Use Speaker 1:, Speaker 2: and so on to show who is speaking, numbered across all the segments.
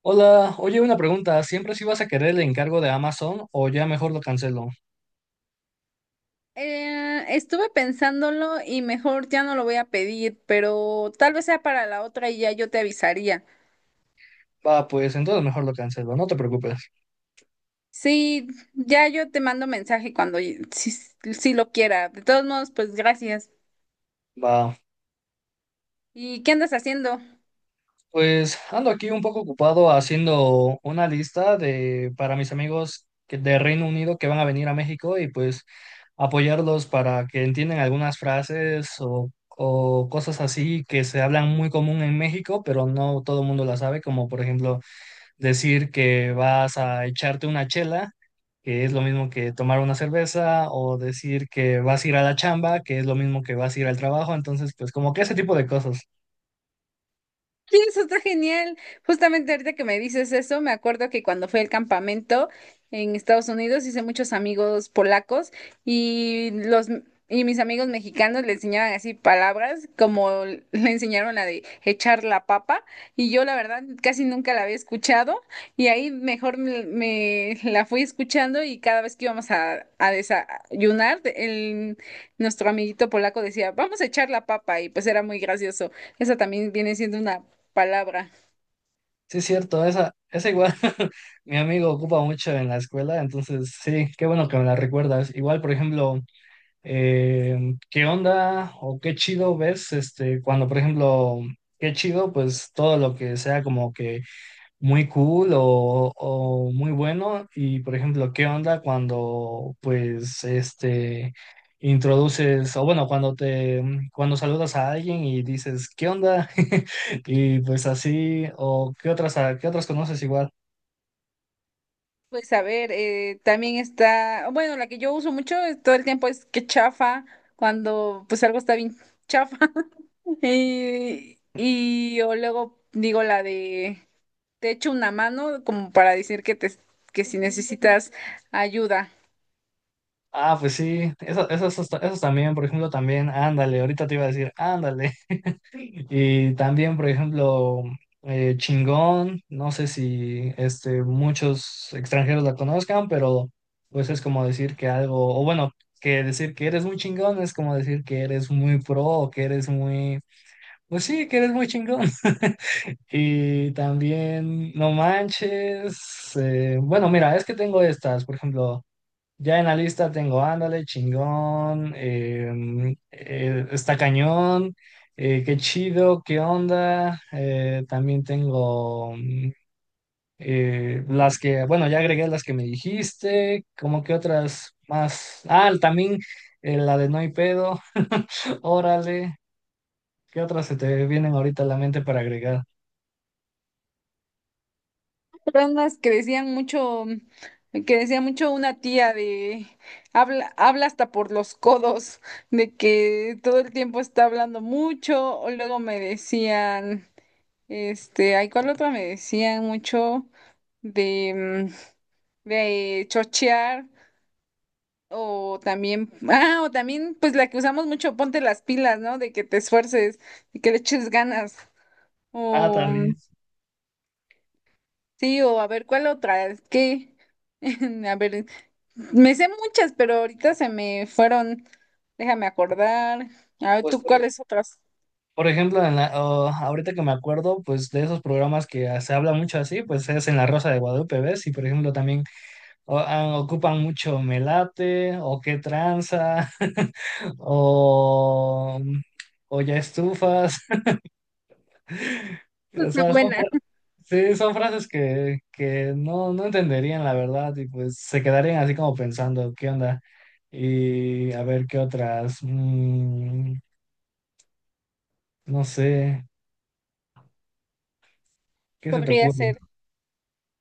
Speaker 1: Hola, oye, una pregunta. ¿Siempre sí vas a querer el encargo de Amazon o ya mejor lo cancelo?
Speaker 2: Estuve pensándolo y mejor ya no lo voy a pedir, pero tal vez sea para la otra y ya yo te avisaría.
Speaker 1: Va, pues entonces mejor lo cancelo, no te preocupes.
Speaker 2: Sí, ya yo te mando mensaje cuando si, si lo quiera. De todos modos, pues gracias.
Speaker 1: Va,
Speaker 2: ¿Y qué andas haciendo?
Speaker 1: pues ando aquí un poco ocupado haciendo una lista de para mis amigos de Reino Unido que van a venir a México y pues apoyarlos para que entiendan algunas frases o cosas así que se hablan muy común en México, pero no todo el mundo las sabe, como por ejemplo decir que vas a echarte una chela, que es lo mismo que tomar una cerveza, o decir que vas a ir a la chamba, que es lo mismo que vas a ir al trabajo. Entonces pues como que ese tipo de cosas.
Speaker 2: Sí, eso está genial. Justamente ahorita que me dices eso, me acuerdo que cuando fui al campamento en Estados Unidos hice muchos amigos polacos y los y mis amigos mexicanos le enseñaban así palabras como le enseñaron la de echar la papa, y yo la verdad casi nunca la había escuchado, y ahí mejor me la fui escuchando y cada vez que íbamos a desayunar nuestro amiguito polaco decía vamos a echar la papa, y pues era muy gracioso. Esa también viene siendo una palabra.
Speaker 1: Sí, es cierto, esa igual mi amigo ocupa mucho en la escuela, entonces sí, qué bueno que me la recuerdas. Igual, por ejemplo, ¿qué onda o qué chido ves este, cuando, por ejemplo, qué chido? Pues todo lo que sea como que muy cool o muy bueno. Y por ejemplo, ¿qué onda cuando pues este introduces, o bueno, cuando te cuando saludas a alguien y dices, ¿qué onda? Y pues así, o qué otras, qué otras conoces igual.
Speaker 2: Pues a ver, también está, bueno, la que yo uso mucho todo el tiempo es que chafa, cuando pues algo está bien chafa. Y yo luego digo la de, te echo una mano, como para decir que si necesitas ayuda.
Speaker 1: Ah, pues sí, eso también, por ejemplo, también, ándale, ahorita te iba a decir, ándale. Y también, por ejemplo, chingón, no sé si este, muchos extranjeros la conozcan, pero pues es como decir que algo, o bueno, que decir que eres muy chingón es como decir que eres muy pro o que eres muy, pues sí, que eres muy chingón. Y también, no manches, bueno, mira, es que tengo estas, por ejemplo. Ya en la lista tengo ándale, chingón, está cañón, qué chido, qué onda. También tengo las que, bueno, ya agregué las que me dijiste, como que otras más. Ah, también la de no hay pedo, órale, ¿qué otras se te vienen ahorita a la mente para agregar?
Speaker 2: Eran unas que decían mucho, que decía mucho una tía de, habla, habla hasta por los codos, de que todo el tiempo está hablando mucho, o luego me decían... Este, hay cuál otra me decían mucho de, de chochear, o también, ah, o también pues la que usamos mucho, ponte las pilas, ¿no? De que te esfuerces y que le eches ganas.
Speaker 1: Ah,
Speaker 2: O mm,
Speaker 1: también.
Speaker 2: sí, o a ver cuál otra, a ver, me sé muchas, pero ahorita se me fueron, déjame acordar. A ver,
Speaker 1: Pues
Speaker 2: ¿tú cuáles otras?
Speaker 1: por ejemplo, en la, oh, ahorita que me acuerdo, pues de esos programas que ah, se habla mucho así, pues es en La Rosa de Guadalupe, ¿ves? Y por ejemplo también oh, ah, ocupan mucho melate o qué tranza o, o ya estufas. O sea,
Speaker 2: Buena.
Speaker 1: sí, son frases que no, no entenderían la verdad, y pues se quedarían así como pensando, ¿qué onda? Y a ver qué otras. No sé, ¿qué se te
Speaker 2: podría
Speaker 1: ocurre?
Speaker 2: ser,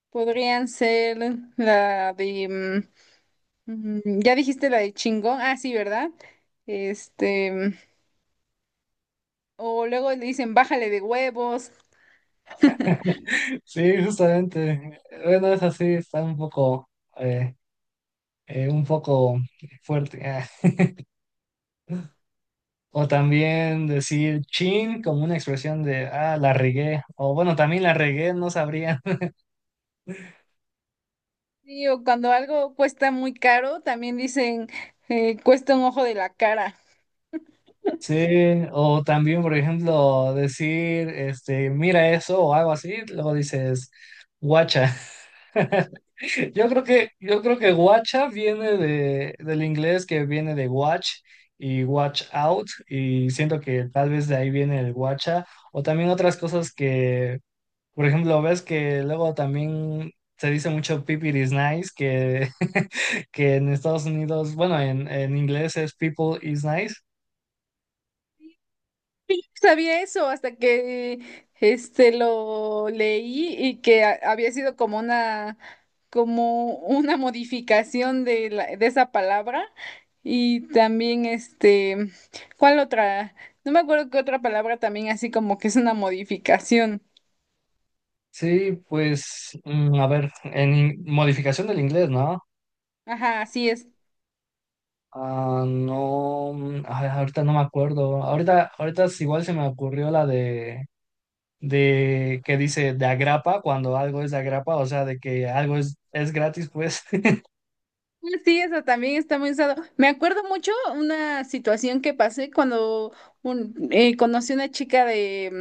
Speaker 2: Podrían ser la de... Ya dijiste la de chingón, ah, sí, ¿verdad? Este, o luego le dicen bájale de huevos.
Speaker 1: Sí, justamente. Bueno, es así, está eh, un poco fuerte. Ah. O también decir chin como una expresión de, ah, la regué. O bueno, también la regué, no sabría.
Speaker 2: Sí, o cuando algo cuesta muy caro, también dicen cuesta un ojo de la cara.
Speaker 1: Sí, o también, por ejemplo, decir, este, mira eso o algo así, luego dices, guacha. Yo creo que guacha viene de, del inglés, que viene de watch y watch out, y siento que tal vez de ahí viene el guacha, o también otras cosas que, por ejemplo, ves que luego también se dice mucho people is nice, que, que en Estados Unidos, bueno, en inglés es people is nice.
Speaker 2: Yo no sabía eso hasta que lo leí, y que había sido como una, como una modificación de esa palabra. Y también ¿cuál otra? No me acuerdo qué otra palabra también así como que es una modificación.
Speaker 1: Sí, pues, a ver, modificación del inglés, ¿no?
Speaker 2: Ajá, así es.
Speaker 1: Ah, no, ay, ahorita no me acuerdo. Ahorita es igual se me ocurrió la de que dice de agrapa, cuando algo es de agrapa, o sea, de que algo es gratis, pues.
Speaker 2: Sí, eso también está muy usado. Me acuerdo mucho una situación que pasé cuando conocí una chica de,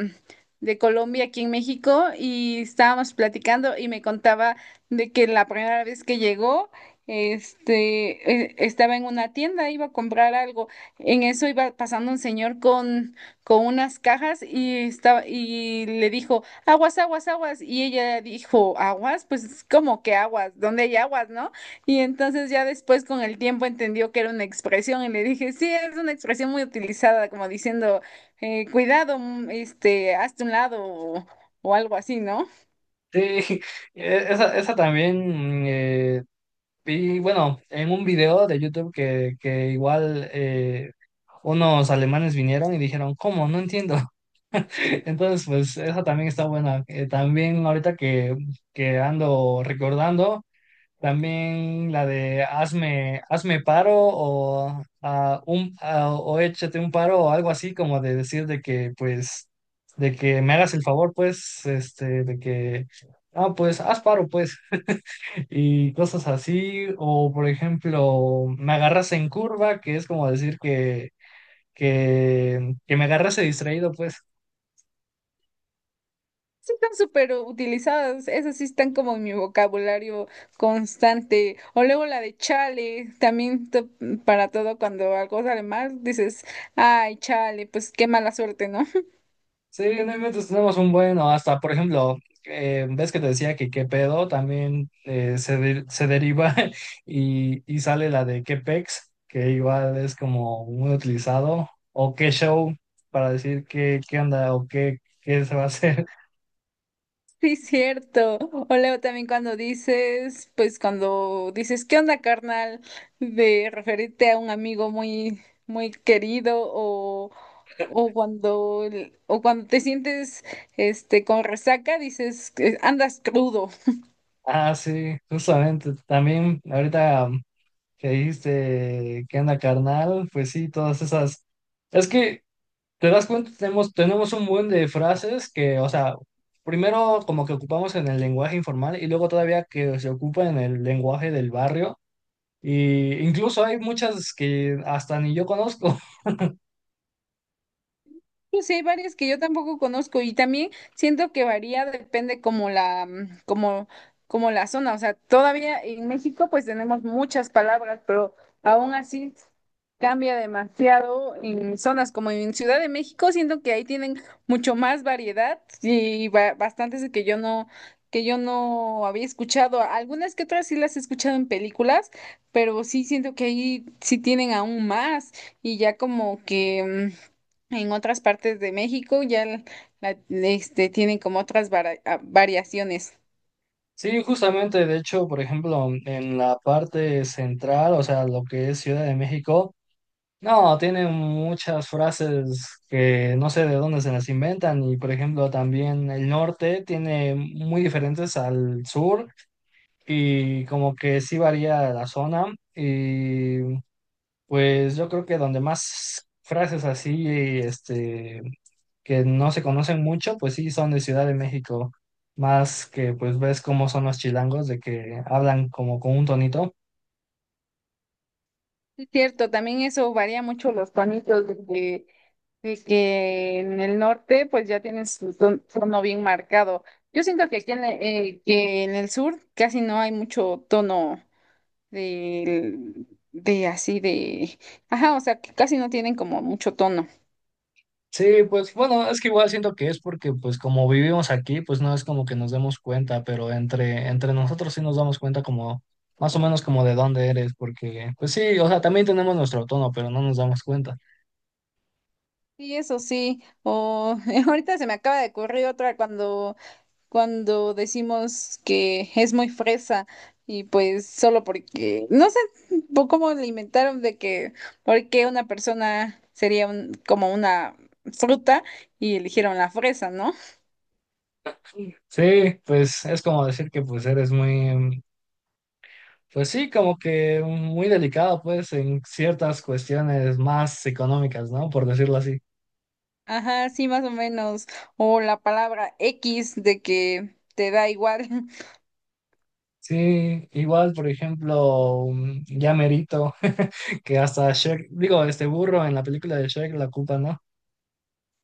Speaker 2: de Colombia aquí en México, y estábamos platicando y me contaba de que la primera vez que llegó, estaba en una tienda, iba a comprar algo. En eso iba pasando un señor con unas cajas y estaba, y le dijo, aguas, aguas, aguas. Y ella dijo, aguas, pues como que aguas, ¿dónde hay aguas, no? Y entonces ya después con el tiempo entendió que era una expresión, y le dije, sí, es una expresión muy utilizada, como diciendo, cuidado, hazte un lado, o algo así, ¿no?
Speaker 1: Sí, esa también vi, bueno, en un video de YouTube que igual unos alemanes vinieron y dijeron, ¿cómo? No entiendo. Entonces, pues esa también está buena. También ahorita que ando recordando. También la de hazme paro, o échate un paro o algo así, como de decir de que, pues, de que me hagas el favor, pues, este, de que, ah, pues, haz paro, pues, y cosas así. O, por ejemplo, me agarras en curva, que es como decir que me agarras distraído, pues.
Speaker 2: Sí, están súper utilizadas, esas sí están como en mi vocabulario constante. O luego la de chale, también para todo, cuando algo sale mal, dices, ay, chale, pues qué mala suerte, ¿no?
Speaker 1: Sí, no inventes, tenemos un bueno, hasta por ejemplo, ves que te decía que qué pedo también se deriva y sale la de qué pex, que igual es como muy utilizado, o qué show para decir qué, qué onda o qué, qué se va a hacer.
Speaker 2: Sí, cierto. O luego también cuando dices, pues cuando dices, ¿qué onda, carnal? De referirte a un amigo muy, muy querido, o cuando, o cuando te sientes, con resaca, dices, que andas crudo.
Speaker 1: Ah, sí, justamente, también ahorita que dijiste qué onda carnal, pues sí, todas esas. Es que ¿te das cuenta? Tenemos un buen de frases que, o sea, primero como que ocupamos en el lenguaje informal y luego todavía que se ocupa en el lenguaje del barrio. Y incluso hay muchas que hasta ni yo conozco.
Speaker 2: Pues sí, hay varias que yo tampoco conozco, y también siento que varía, depende como como la zona. O sea, todavía en México pues tenemos muchas palabras, pero aún así cambia demasiado en zonas como en Ciudad de México. Siento que ahí tienen mucho más variedad, y bastantes que yo no había escuchado. Algunas que otras sí las he escuchado en películas, pero sí siento que ahí sí tienen aún más, y ya como que en otras partes de México ya tienen como otras variaciones.
Speaker 1: Sí, justamente, de hecho, por ejemplo, en la parte central, o sea, lo que es Ciudad de México, no, tiene muchas frases que no sé de dónde se las inventan. Y, por ejemplo, también el norte tiene muy diferentes al sur, y como que sí varía la zona y pues yo creo que donde más frases así este que no se conocen mucho, pues sí son de Ciudad de México, más que pues ves cómo son los chilangos de que hablan como con un tonito.
Speaker 2: Es cierto, también eso varía mucho los tonitos de que en el norte pues ya tienen su tono bien marcado. Yo siento que aquí que en el sur casi no hay mucho tono de, de así de... Ajá, o sea, que casi no tienen como mucho tono.
Speaker 1: Sí, pues bueno, es que igual siento que es porque pues como vivimos aquí, pues no es como que nos demos cuenta, pero entre nosotros sí nos damos cuenta como más o menos como de dónde eres, porque pues sí, o sea, también tenemos nuestro tono, pero no nos damos cuenta.
Speaker 2: Sí, eso sí. O ahorita se me acaba de ocurrir otra cuando... cuando decimos que es muy fresa, y pues solo porque, no sé cómo le inventaron de que, por qué una persona sería como una fruta, y eligieron la fresa, ¿no?
Speaker 1: Sí, pues es como decir que pues eres muy, pues sí, como que muy delicado pues en ciertas cuestiones más económicas, ¿no? Por decirlo así.
Speaker 2: Ajá, sí, más o menos. O la palabra X, de que te da igual.
Speaker 1: Sí, igual, por ejemplo, ya merito, que hasta Shrek, digo, este burro en la película de Shrek la culpa, ¿no?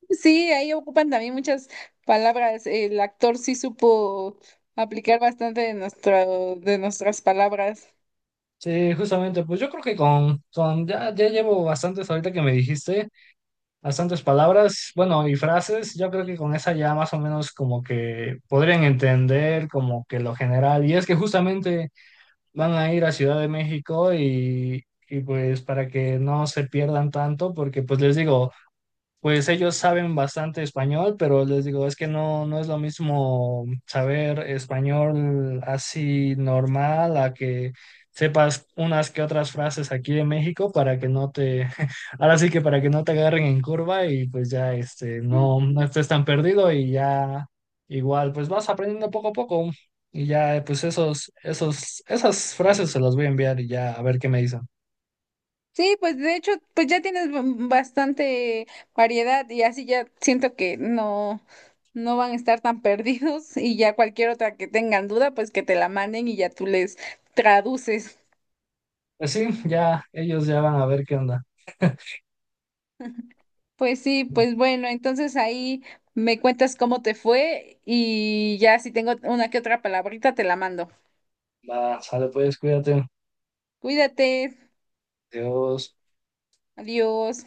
Speaker 2: Sí, ahí ocupan también muchas palabras. El actor sí supo aplicar bastante de nuestro, de nuestras palabras.
Speaker 1: Sí, justamente, pues yo creo que con ya, ya llevo bastantes ahorita que me dijiste, bastantes palabras, bueno, y frases, yo creo que con esa ya más o menos como que podrían entender como que lo general, y es que justamente van a ir a Ciudad de México y pues para que no se pierdan tanto, porque pues les digo, pues ellos saben bastante español, pero les digo, es que no, no es lo mismo saber español así normal a que sepas unas que otras frases aquí de México para que no te, ahora sí que para que no te agarren en curva, y pues ya este, no, no estés tan perdido, y ya igual pues vas aprendiendo poco a poco, y ya pues esas frases se las voy a enviar y ya a ver qué me dicen.
Speaker 2: Sí, pues de hecho, pues ya tienes bastante variedad, y así ya siento que no, no van a estar tan perdidos, y ya cualquier otra que tengan duda, pues que te la manden y ya tú les traduces.
Speaker 1: Pues sí, ya ellos ya van a ver qué onda.
Speaker 2: Pues sí, pues bueno, entonces ahí me cuentas cómo te fue, y ya si tengo una que otra palabrita te la mando.
Speaker 1: Va, sale pues, cuídate.
Speaker 2: Cuídate,
Speaker 1: Dios.
Speaker 2: adiós.